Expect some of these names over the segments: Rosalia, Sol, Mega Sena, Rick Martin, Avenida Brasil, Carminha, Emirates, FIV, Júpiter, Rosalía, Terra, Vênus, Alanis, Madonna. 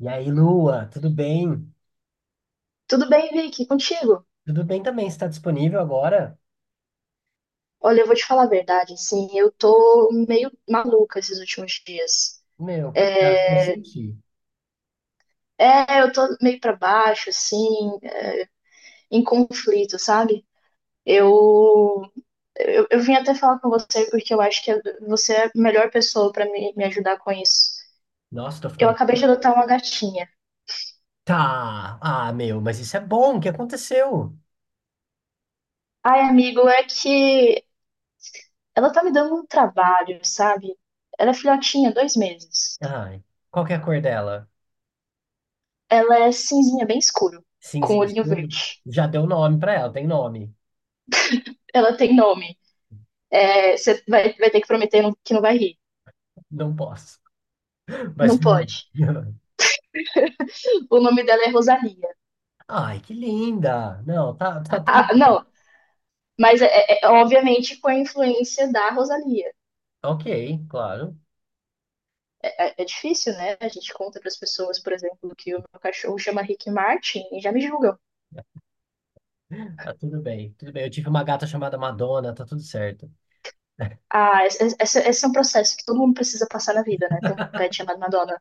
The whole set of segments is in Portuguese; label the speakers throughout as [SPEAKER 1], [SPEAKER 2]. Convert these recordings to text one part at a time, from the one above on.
[SPEAKER 1] E aí, Lua, tudo bem?
[SPEAKER 2] Tudo bem, Vicky? Contigo?
[SPEAKER 1] Tudo bem também, você está disponível agora?
[SPEAKER 2] Olha, eu vou te falar a verdade, assim, eu tô meio maluca esses últimos dias.
[SPEAKER 1] Meu, por que eu senti?
[SPEAKER 2] É, eu tô meio pra baixo, assim, em conflito, sabe? Eu, eu vim até falar com você porque eu acho que você é a melhor pessoa pra me ajudar com isso.
[SPEAKER 1] Nossa, tô
[SPEAKER 2] Eu
[SPEAKER 1] ficando.
[SPEAKER 2] acabei de adotar uma gatinha.
[SPEAKER 1] Tá! Ah, meu, mas isso é bom, o que aconteceu?
[SPEAKER 2] Ai, amigo, é que ela tá me dando um trabalho, sabe? Ela é filhotinha, dois meses.
[SPEAKER 1] Ai, qual que é a cor dela?
[SPEAKER 2] Ela é cinzinha, bem escuro, com
[SPEAKER 1] Cinzinho
[SPEAKER 2] olhinho
[SPEAKER 1] escuro?
[SPEAKER 2] verde.
[SPEAKER 1] Já deu nome pra ela, tem nome.
[SPEAKER 2] Ela tem nome. É, você vai ter que prometer que não vai rir.
[SPEAKER 1] Não posso. Mas.
[SPEAKER 2] Não pode. O nome dela é Rosalía.
[SPEAKER 1] Ai, que linda! Não, tá, tá tudo
[SPEAKER 2] Ah,
[SPEAKER 1] bem.
[SPEAKER 2] não, mas é, obviamente com a influência da Rosalía.
[SPEAKER 1] Ok, claro.
[SPEAKER 2] É difícil, né? A gente conta para as pessoas, por exemplo, que o meu cachorro chama Rick Martin e já me julgam.
[SPEAKER 1] Tá tudo bem, tudo bem. Eu tive uma gata chamada Madonna, tá tudo certo.
[SPEAKER 2] Ah, esse é um processo que todo mundo precisa passar na vida, né? Tem um pet chamado Madonna.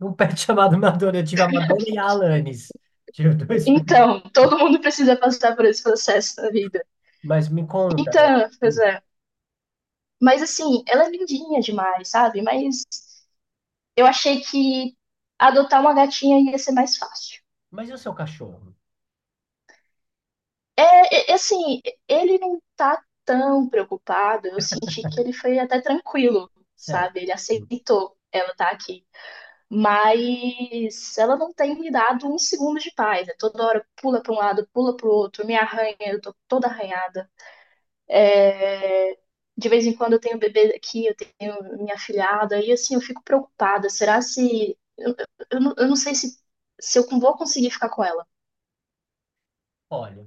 [SPEAKER 1] Um pet chamado Madonna. Eu tive a Madonna e a Alanis. Tive dois pets.
[SPEAKER 2] Então, todo mundo precisa passar por esse processo na vida.
[SPEAKER 1] Mas me conta, né?
[SPEAKER 2] Então, pois
[SPEAKER 1] Hum.
[SPEAKER 2] é. Mas assim, ela é lindinha demais, sabe? Mas eu achei que adotar uma gatinha ia ser mais fácil.
[SPEAKER 1] Mas e o seu cachorro?
[SPEAKER 2] É, assim, ele não tá tão preocupado, eu senti que ele foi até tranquilo,
[SPEAKER 1] Sério.
[SPEAKER 2] sabe? Ele
[SPEAKER 1] Hum.
[SPEAKER 2] aceitou ela tá aqui. Mas ela não tem me dado um segundo de paz. É toda hora pula para um lado, pula para o outro, me arranha, eu tô toda arranhada. É, de vez em quando eu tenho bebê aqui, eu tenho minha afilhada, e assim, eu fico preocupada. Será se. Eu não sei se eu vou conseguir ficar com ela.
[SPEAKER 1] Olha,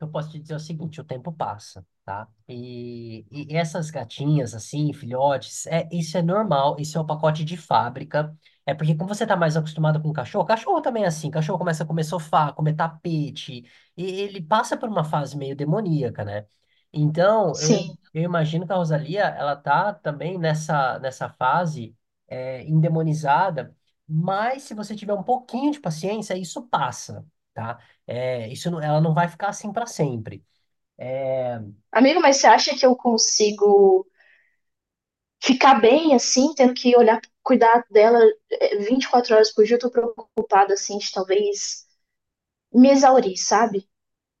[SPEAKER 1] eu posso te dizer o seguinte, o tempo passa, tá? E essas gatinhas, assim, filhotes, é, isso é normal, isso é o pacote de fábrica. É porque como você tá mais acostumado com cachorro, cachorro também é assim, cachorro começa a comer sofá, comer tapete, e ele passa por uma fase meio demoníaca, né? Então, eu,
[SPEAKER 2] Sim.
[SPEAKER 1] eu imagino que a Rosalia, ela tá também nessa fase é, endemonizada, mas se você tiver um pouquinho de paciência, isso passa. Tá? É, ela não vai ficar assim para sempre. É,
[SPEAKER 2] Amigo, mas você acha que eu consigo ficar bem assim, tendo que olhar, cuidar dela 24 horas por dia? Eu tô preocupada, assim, de talvez me exaurir, sabe?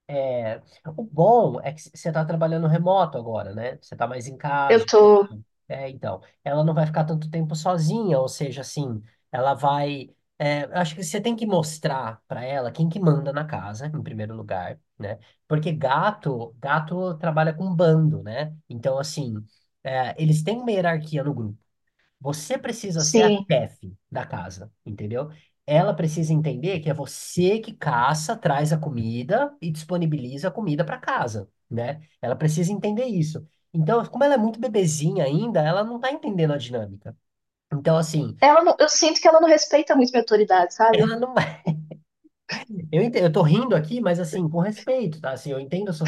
[SPEAKER 1] é, o bom é que você está trabalhando remoto agora, né? Você está mais em
[SPEAKER 2] Eu
[SPEAKER 1] casa.
[SPEAKER 2] tô.
[SPEAKER 1] É, então, ela não vai ficar tanto tempo sozinha, ou seja, assim, ela vai. É, eu acho que você tem que mostrar para ela quem que manda na casa, em primeiro lugar, né? Porque gato, gato trabalha com bando, né? Então, assim, é, eles têm uma hierarquia no grupo. Você precisa ser a
[SPEAKER 2] Sim.
[SPEAKER 1] chefe da casa, entendeu? Ela precisa entender que é você que caça, traz a comida e disponibiliza a comida para casa, né? Ela precisa entender isso. Então, como ela é muito bebezinha ainda, ela não tá entendendo a dinâmica. Então, assim,
[SPEAKER 2] Ela não- eu sinto que ela não respeita muito minha autoridade, sabe?
[SPEAKER 1] ela não vai. Eu tô rindo aqui, mas assim, com respeito, tá? Assim, eu entendo a sua.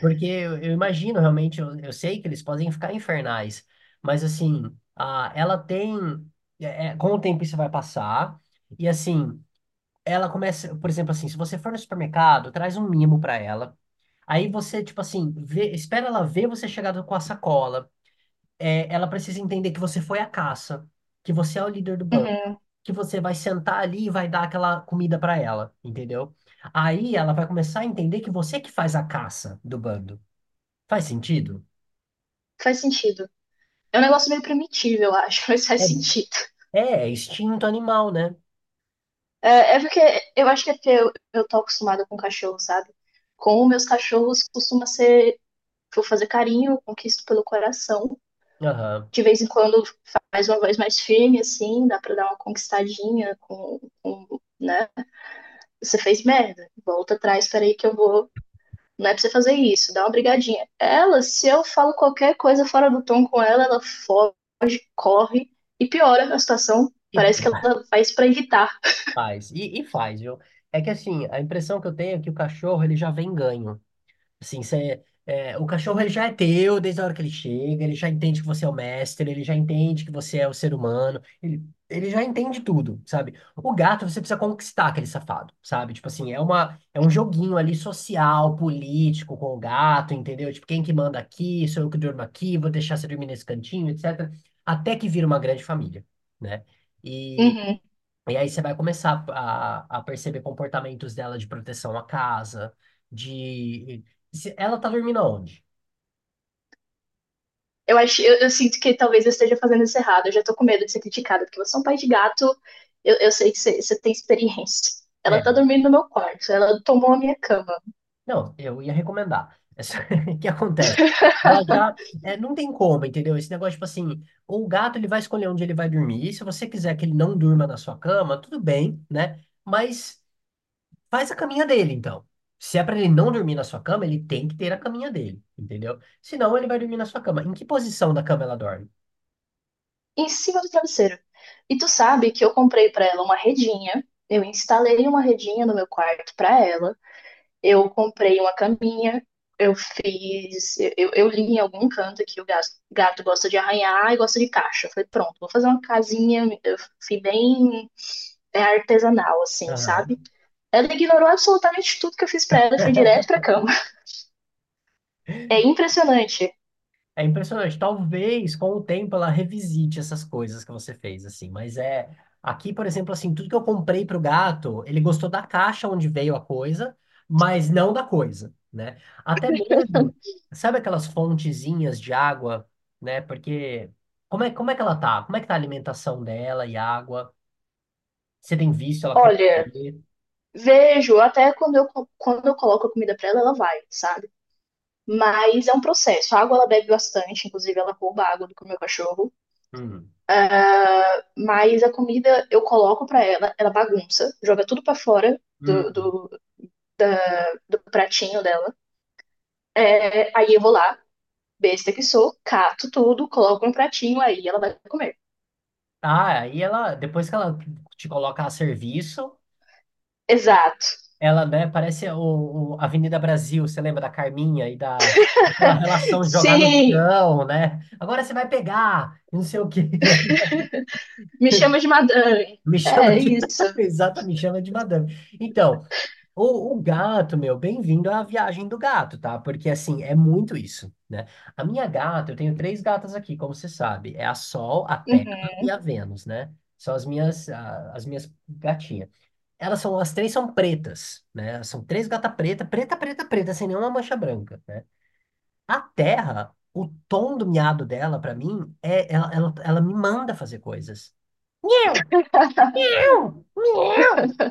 [SPEAKER 1] Porque eu imagino, realmente, eu sei que eles podem ficar infernais, mas assim, a, ela tem. Com o tempo isso vai passar, e assim, ela começa, por exemplo, assim, se você for no supermercado, traz um mimo pra ela. Aí você, tipo assim, vê, espera ela ver você com a sacola. É, ela precisa entender que você foi a caça, que você é o líder do banco,
[SPEAKER 2] Uhum.
[SPEAKER 1] que você vai sentar ali e vai dar aquela comida pra ela, entendeu? Aí ela vai começar a entender que você que faz a caça do bando. Faz sentido?
[SPEAKER 2] Faz sentido. É um negócio meio primitivo, eu acho, mas faz
[SPEAKER 1] É,
[SPEAKER 2] sentido.
[SPEAKER 1] é instinto animal, né?
[SPEAKER 2] É, é porque eu acho que é porque eu tô acostumada com cachorro, sabe? Com meus cachorros costuma ser, vou fazer carinho, conquisto pelo coração.
[SPEAKER 1] Aham.
[SPEAKER 2] De vez em quando faz uma voz mais firme, assim, dá pra dar uma conquistadinha com, né? Você fez merda, volta atrás, peraí que eu vou. Não é pra você fazer isso, dá uma brigadinha. Ela, se eu falo qualquer coisa fora do tom com ela, ela foge, corre e piora a situação.
[SPEAKER 1] E
[SPEAKER 2] Parece que
[SPEAKER 1] pior,
[SPEAKER 2] ela faz pra irritar.
[SPEAKER 1] faz. E faz, viu? É que assim, a impressão que eu tenho é que o cachorro ele já vem ganho. Assim, você, é, o cachorro ele já é teu desde a hora que ele chega, ele já entende que você é o mestre, ele já entende que você é o ser humano, ele já entende tudo, sabe? O gato você precisa conquistar aquele safado, sabe? Tipo assim, é um joguinho ali social, político com o gato, entendeu? Tipo, quem que manda aqui, sou eu que durmo aqui, vou deixar você dormir nesse cantinho, etc. Até que vira uma grande família, né?
[SPEAKER 2] Uhum.
[SPEAKER 1] E aí você vai começar a perceber comportamentos dela de proteção à casa, de... se- Ela tá dormindo aonde?
[SPEAKER 2] Eu acho, eu sinto que talvez eu esteja fazendo isso errado. Eu já tô com medo de ser criticada, porque você é um pai de gato, eu sei que você tem experiência.
[SPEAKER 1] É,
[SPEAKER 2] Ela tá dormindo no meu quarto, ela tomou a minha cama,
[SPEAKER 1] não, eu ia recomendar. O que acontece? Ela já... é, não tem como, entendeu? Esse negócio, tipo assim, o gato ele vai escolher onde ele vai dormir. E se você quiser que ele não durma na sua cama, tudo bem, né? Mas faz a caminha dele, então. Se é pra ele não dormir na sua cama, ele tem que ter a caminha dele, entendeu? Senão ele vai dormir na sua cama. Em que posição da cama ela dorme?
[SPEAKER 2] em cima do travesseiro. E tu sabe que eu comprei pra ela uma redinha, eu instalei uma redinha no meu quarto pra ela. Eu comprei uma caminha, eu fiz. Eu li em algum canto que o gato gosta de arranhar e gosta de caixa. Eu falei, pronto, vou fazer uma casinha. Eu fui bem artesanal, assim,
[SPEAKER 1] Aham.
[SPEAKER 2] sabe? Ela ignorou absolutamente tudo que eu fiz pra ela e foi direto pra cama. É impressionante.
[SPEAKER 1] É impressionante. Talvez com o tempo ela revisite essas coisas que você fez, assim. Mas é. Aqui, por exemplo, assim, tudo que eu comprei pro gato, ele gostou da caixa onde veio a coisa, mas não da coisa, né? Até mesmo, sabe aquelas fontezinhas de água, né? Porque como é que ela tá? Como é que tá a alimentação dela e água? Você tem visto ela
[SPEAKER 2] Olha,
[SPEAKER 1] comer?
[SPEAKER 2] vejo, até quando quando eu coloco a comida pra ela, ela vai, sabe? Mas é um processo. A água ela bebe bastante, inclusive ela rouba a água do meu cachorro.
[SPEAKER 1] Hum.
[SPEAKER 2] Mas a comida eu coloco pra ela, ela bagunça, joga tudo pra fora
[SPEAKER 1] Hum.
[SPEAKER 2] da- do pratinho dela. É, aí eu vou lá, besta que sou, cato tudo, coloco no pratinho, aí ela vai comer.
[SPEAKER 1] Ah, aí ela, depois que ela te coloca a serviço.
[SPEAKER 2] Exato.
[SPEAKER 1] Ela, né, parece o Avenida Brasil, você lembra da Carminha e da aquela relação de jogar no
[SPEAKER 2] Sim!
[SPEAKER 1] chão, né? Agora você vai pegar, e não sei o quê.
[SPEAKER 2] Me chama de madame.
[SPEAKER 1] Me chama
[SPEAKER 2] É
[SPEAKER 1] de.
[SPEAKER 2] isso.
[SPEAKER 1] Exata, me chama de madame. Então, o gato, meu, bem-vindo à viagem do gato, tá? Porque assim, é muito isso, né? A minha gata, eu tenho três gatas aqui, como você sabe. É a Sol, a Terra e
[SPEAKER 2] Uhum.
[SPEAKER 1] a Vênus, né? São as minhas, ah, as minhas gatinhas. Elas são, as três são pretas, né? Elas são três gata preta, preta, preta, preta, sem nenhuma mancha branca, né? A Terra, o tom do miado dela, pra mim, é ela, ela me manda fazer coisas. Eu.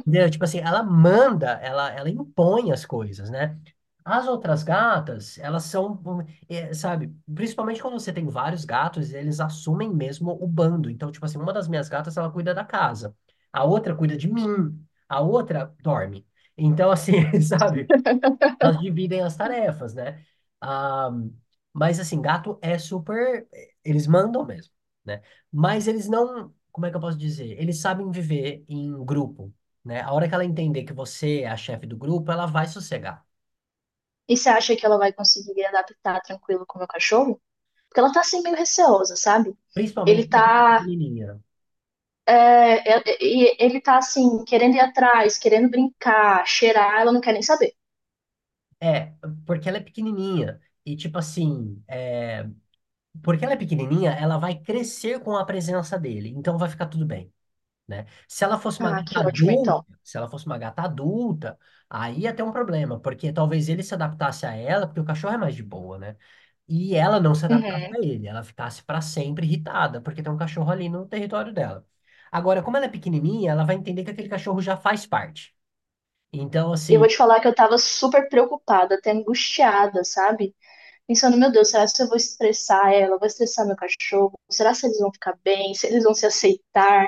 [SPEAKER 1] Entendeu? Tipo assim, ela manda, ela impõe as coisas, né? As outras gatas, elas são, um, é, sabe, principalmente quando você tem vários gatos, eles assumem mesmo o bando. Então, tipo assim, uma das minhas gatas, ela cuida da casa, a outra cuida de mim, a outra dorme. Então, assim, sabe? Elas dividem as tarefas, né? Ah, mas assim, gato é super. Eles mandam mesmo, né? Mas eles não. Como é que eu posso dizer? Eles sabem viver em grupo, né? A hora que ela entender que você é a chefe do grupo, ela vai sossegar.
[SPEAKER 2] E você acha que ela vai conseguir adaptar tranquilo com o meu cachorro? Porque ela tá assim meio receosa, sabe? Ele
[SPEAKER 1] Principalmente porque ela é
[SPEAKER 2] tá,
[SPEAKER 1] pequenininha.
[SPEAKER 2] é, é, e- ele tá assim, querendo ir atrás, querendo brincar, cheirar, ela não quer nem saber.
[SPEAKER 1] É, porque ela é pequenininha. E tipo assim, é, porque ela é pequenininha, ela vai crescer com a presença dele. Então vai ficar tudo bem. Né? Se ela fosse uma
[SPEAKER 2] Ah,
[SPEAKER 1] gata
[SPEAKER 2] que ótimo, então.
[SPEAKER 1] adulta, Se ela fosse uma gata adulta, aí ia ter um problema, porque talvez ele se adaptasse a ela, porque o cachorro é mais de boa, né? E ela não se adaptasse
[SPEAKER 2] Uhum.
[SPEAKER 1] a ele, ela ficasse para sempre irritada, porque tem um cachorro ali no território dela. Agora, como ela é pequenininha, ela vai entender que aquele cachorro já faz parte. Então,
[SPEAKER 2] E eu
[SPEAKER 1] assim,
[SPEAKER 2] vou te falar que eu tava super preocupada, até angustiada, sabe? Pensando, meu Deus, será que eu vou estressar ela? Vou estressar meu cachorro? Será se eles vão ficar bem? Se eles vão se aceitar?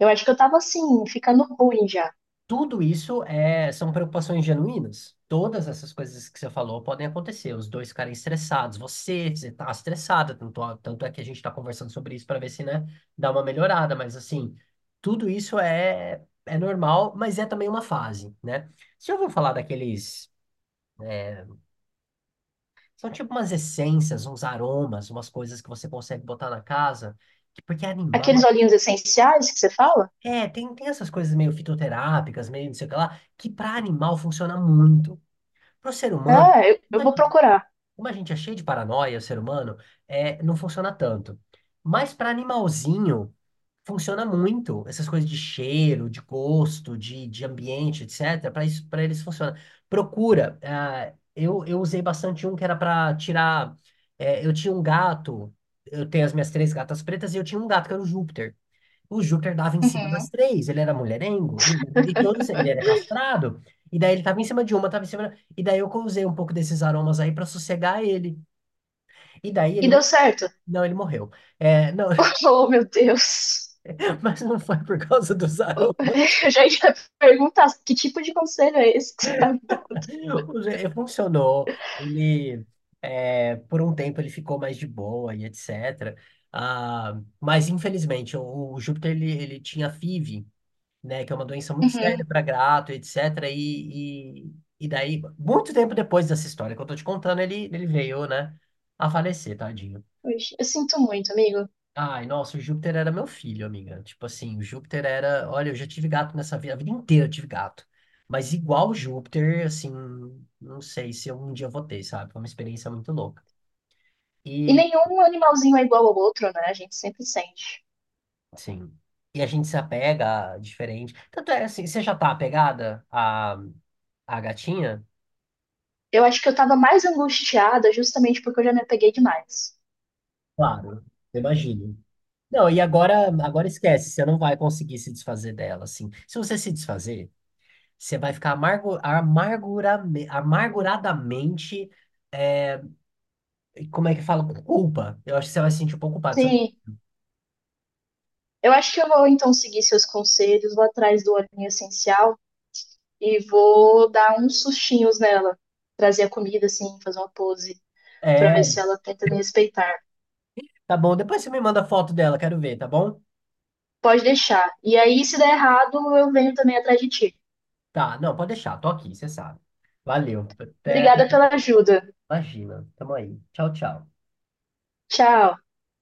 [SPEAKER 2] Eu acho que eu tava assim, ficando ruim já.
[SPEAKER 1] tudo isso é, são preocupações genuínas. Todas essas coisas que você falou podem acontecer. Os dois ficarem estressados. Você está estressada, tanto é que a gente está conversando sobre isso para ver se, né, dá uma melhorada. Mas, assim, tudo isso é, é normal, mas é também uma fase, né? Você já ouviu falar daqueles... é, são tipo umas essências, uns aromas, umas coisas que você consegue botar na casa, que- porque é
[SPEAKER 2] Aqueles
[SPEAKER 1] animal.
[SPEAKER 2] olhinhos essenciais que você fala?
[SPEAKER 1] É, tem essas coisas meio fitoterápicas, meio não sei o que lá, que para animal funciona muito. Para o ser humano,
[SPEAKER 2] Ah, eu,
[SPEAKER 1] como
[SPEAKER 2] eu
[SPEAKER 1] a
[SPEAKER 2] vou
[SPEAKER 1] gente
[SPEAKER 2] procurar.
[SPEAKER 1] como a gente é cheio de paranoia, o ser humano, é, não funciona tanto. Mas para animalzinho, funciona muito. Essas coisas de cheiro, de gosto, de ambiente, etcétera. Para isso, para eles funciona. Procura. Ah, eu usei bastante um que era para tirar. Eh, eu tinha um gato. Eu tenho as minhas três gatas pretas e eu tinha um gato que era o Júpiter. O Júpiter dava em cima
[SPEAKER 2] Uhum.
[SPEAKER 1] das três, ele era mulherengo, e todos, ele era castrado, e daí ele tava em cima de uma, tava em cima da... E daí eu usei um pouco desses aromas aí pra sossegar ele. E daí
[SPEAKER 2] E
[SPEAKER 1] ele
[SPEAKER 2] deu
[SPEAKER 1] morreu.
[SPEAKER 2] certo.
[SPEAKER 1] Não, ele morreu. É, não,
[SPEAKER 2] Oh, meu Deus.
[SPEAKER 1] mas não foi por causa dos aromas.
[SPEAKER 2] Eu já ia perguntar que tipo de conselho é esse que você tá me dando?
[SPEAKER 1] Funcionou. Ele, é, por um tempo ele ficou mais de boa e etc. Ah, mas infelizmente o Júpiter ele tinha FIV, né? Que é uma doença muito séria
[SPEAKER 2] Uhum.
[SPEAKER 1] para gato, etc. E daí, muito tempo depois dessa história que eu tô te contando, ele veio, né, a falecer, tadinho.
[SPEAKER 2] Poxa, eu sinto muito, amigo.
[SPEAKER 1] Ai, nossa, o Júpiter era meu filho, amiga. Tipo assim, o Júpiter era. Olha, eu já tive gato nessa vida, a vida inteira eu tive gato. Mas igual o Júpiter, assim, não sei se eu um dia vou ter, sabe? Foi uma experiência muito louca.
[SPEAKER 2] E
[SPEAKER 1] E,
[SPEAKER 2] nenhum animalzinho é igual ao outro, né? A gente sempre sente.
[SPEAKER 1] assim, e a gente se apega diferente. Tanto é assim, você já tá apegada à, à gatinha?
[SPEAKER 2] Eu acho que eu tava mais angustiada justamente porque eu já me apeguei demais.
[SPEAKER 1] Claro, imagino. Não, e agora, agora esquece, você não vai conseguir se desfazer dela, assim. Se você se desfazer, você vai ficar amarguradamente, é, como é que fala? Com culpa. Eu acho que você vai se sentir um pouco culpado. Você-
[SPEAKER 2] Sim, eu acho que eu vou então seguir seus conselhos, vou atrás do olhinho essencial e vou dar uns sustinhos nela. Trazer a comida, assim, fazer uma pose pra ver
[SPEAKER 1] É,
[SPEAKER 2] se ela tenta me respeitar.
[SPEAKER 1] tá bom, depois você me manda foto dela, quero ver, tá bom?
[SPEAKER 2] Pode deixar. E aí, se der errado, eu venho também atrás de ti.
[SPEAKER 1] Tá, não, pode deixar, tô aqui, você sabe. Valeu, até-
[SPEAKER 2] Obrigada pela ajuda.
[SPEAKER 1] imagina, tamo aí. Tchau, tchau.
[SPEAKER 2] Tchau.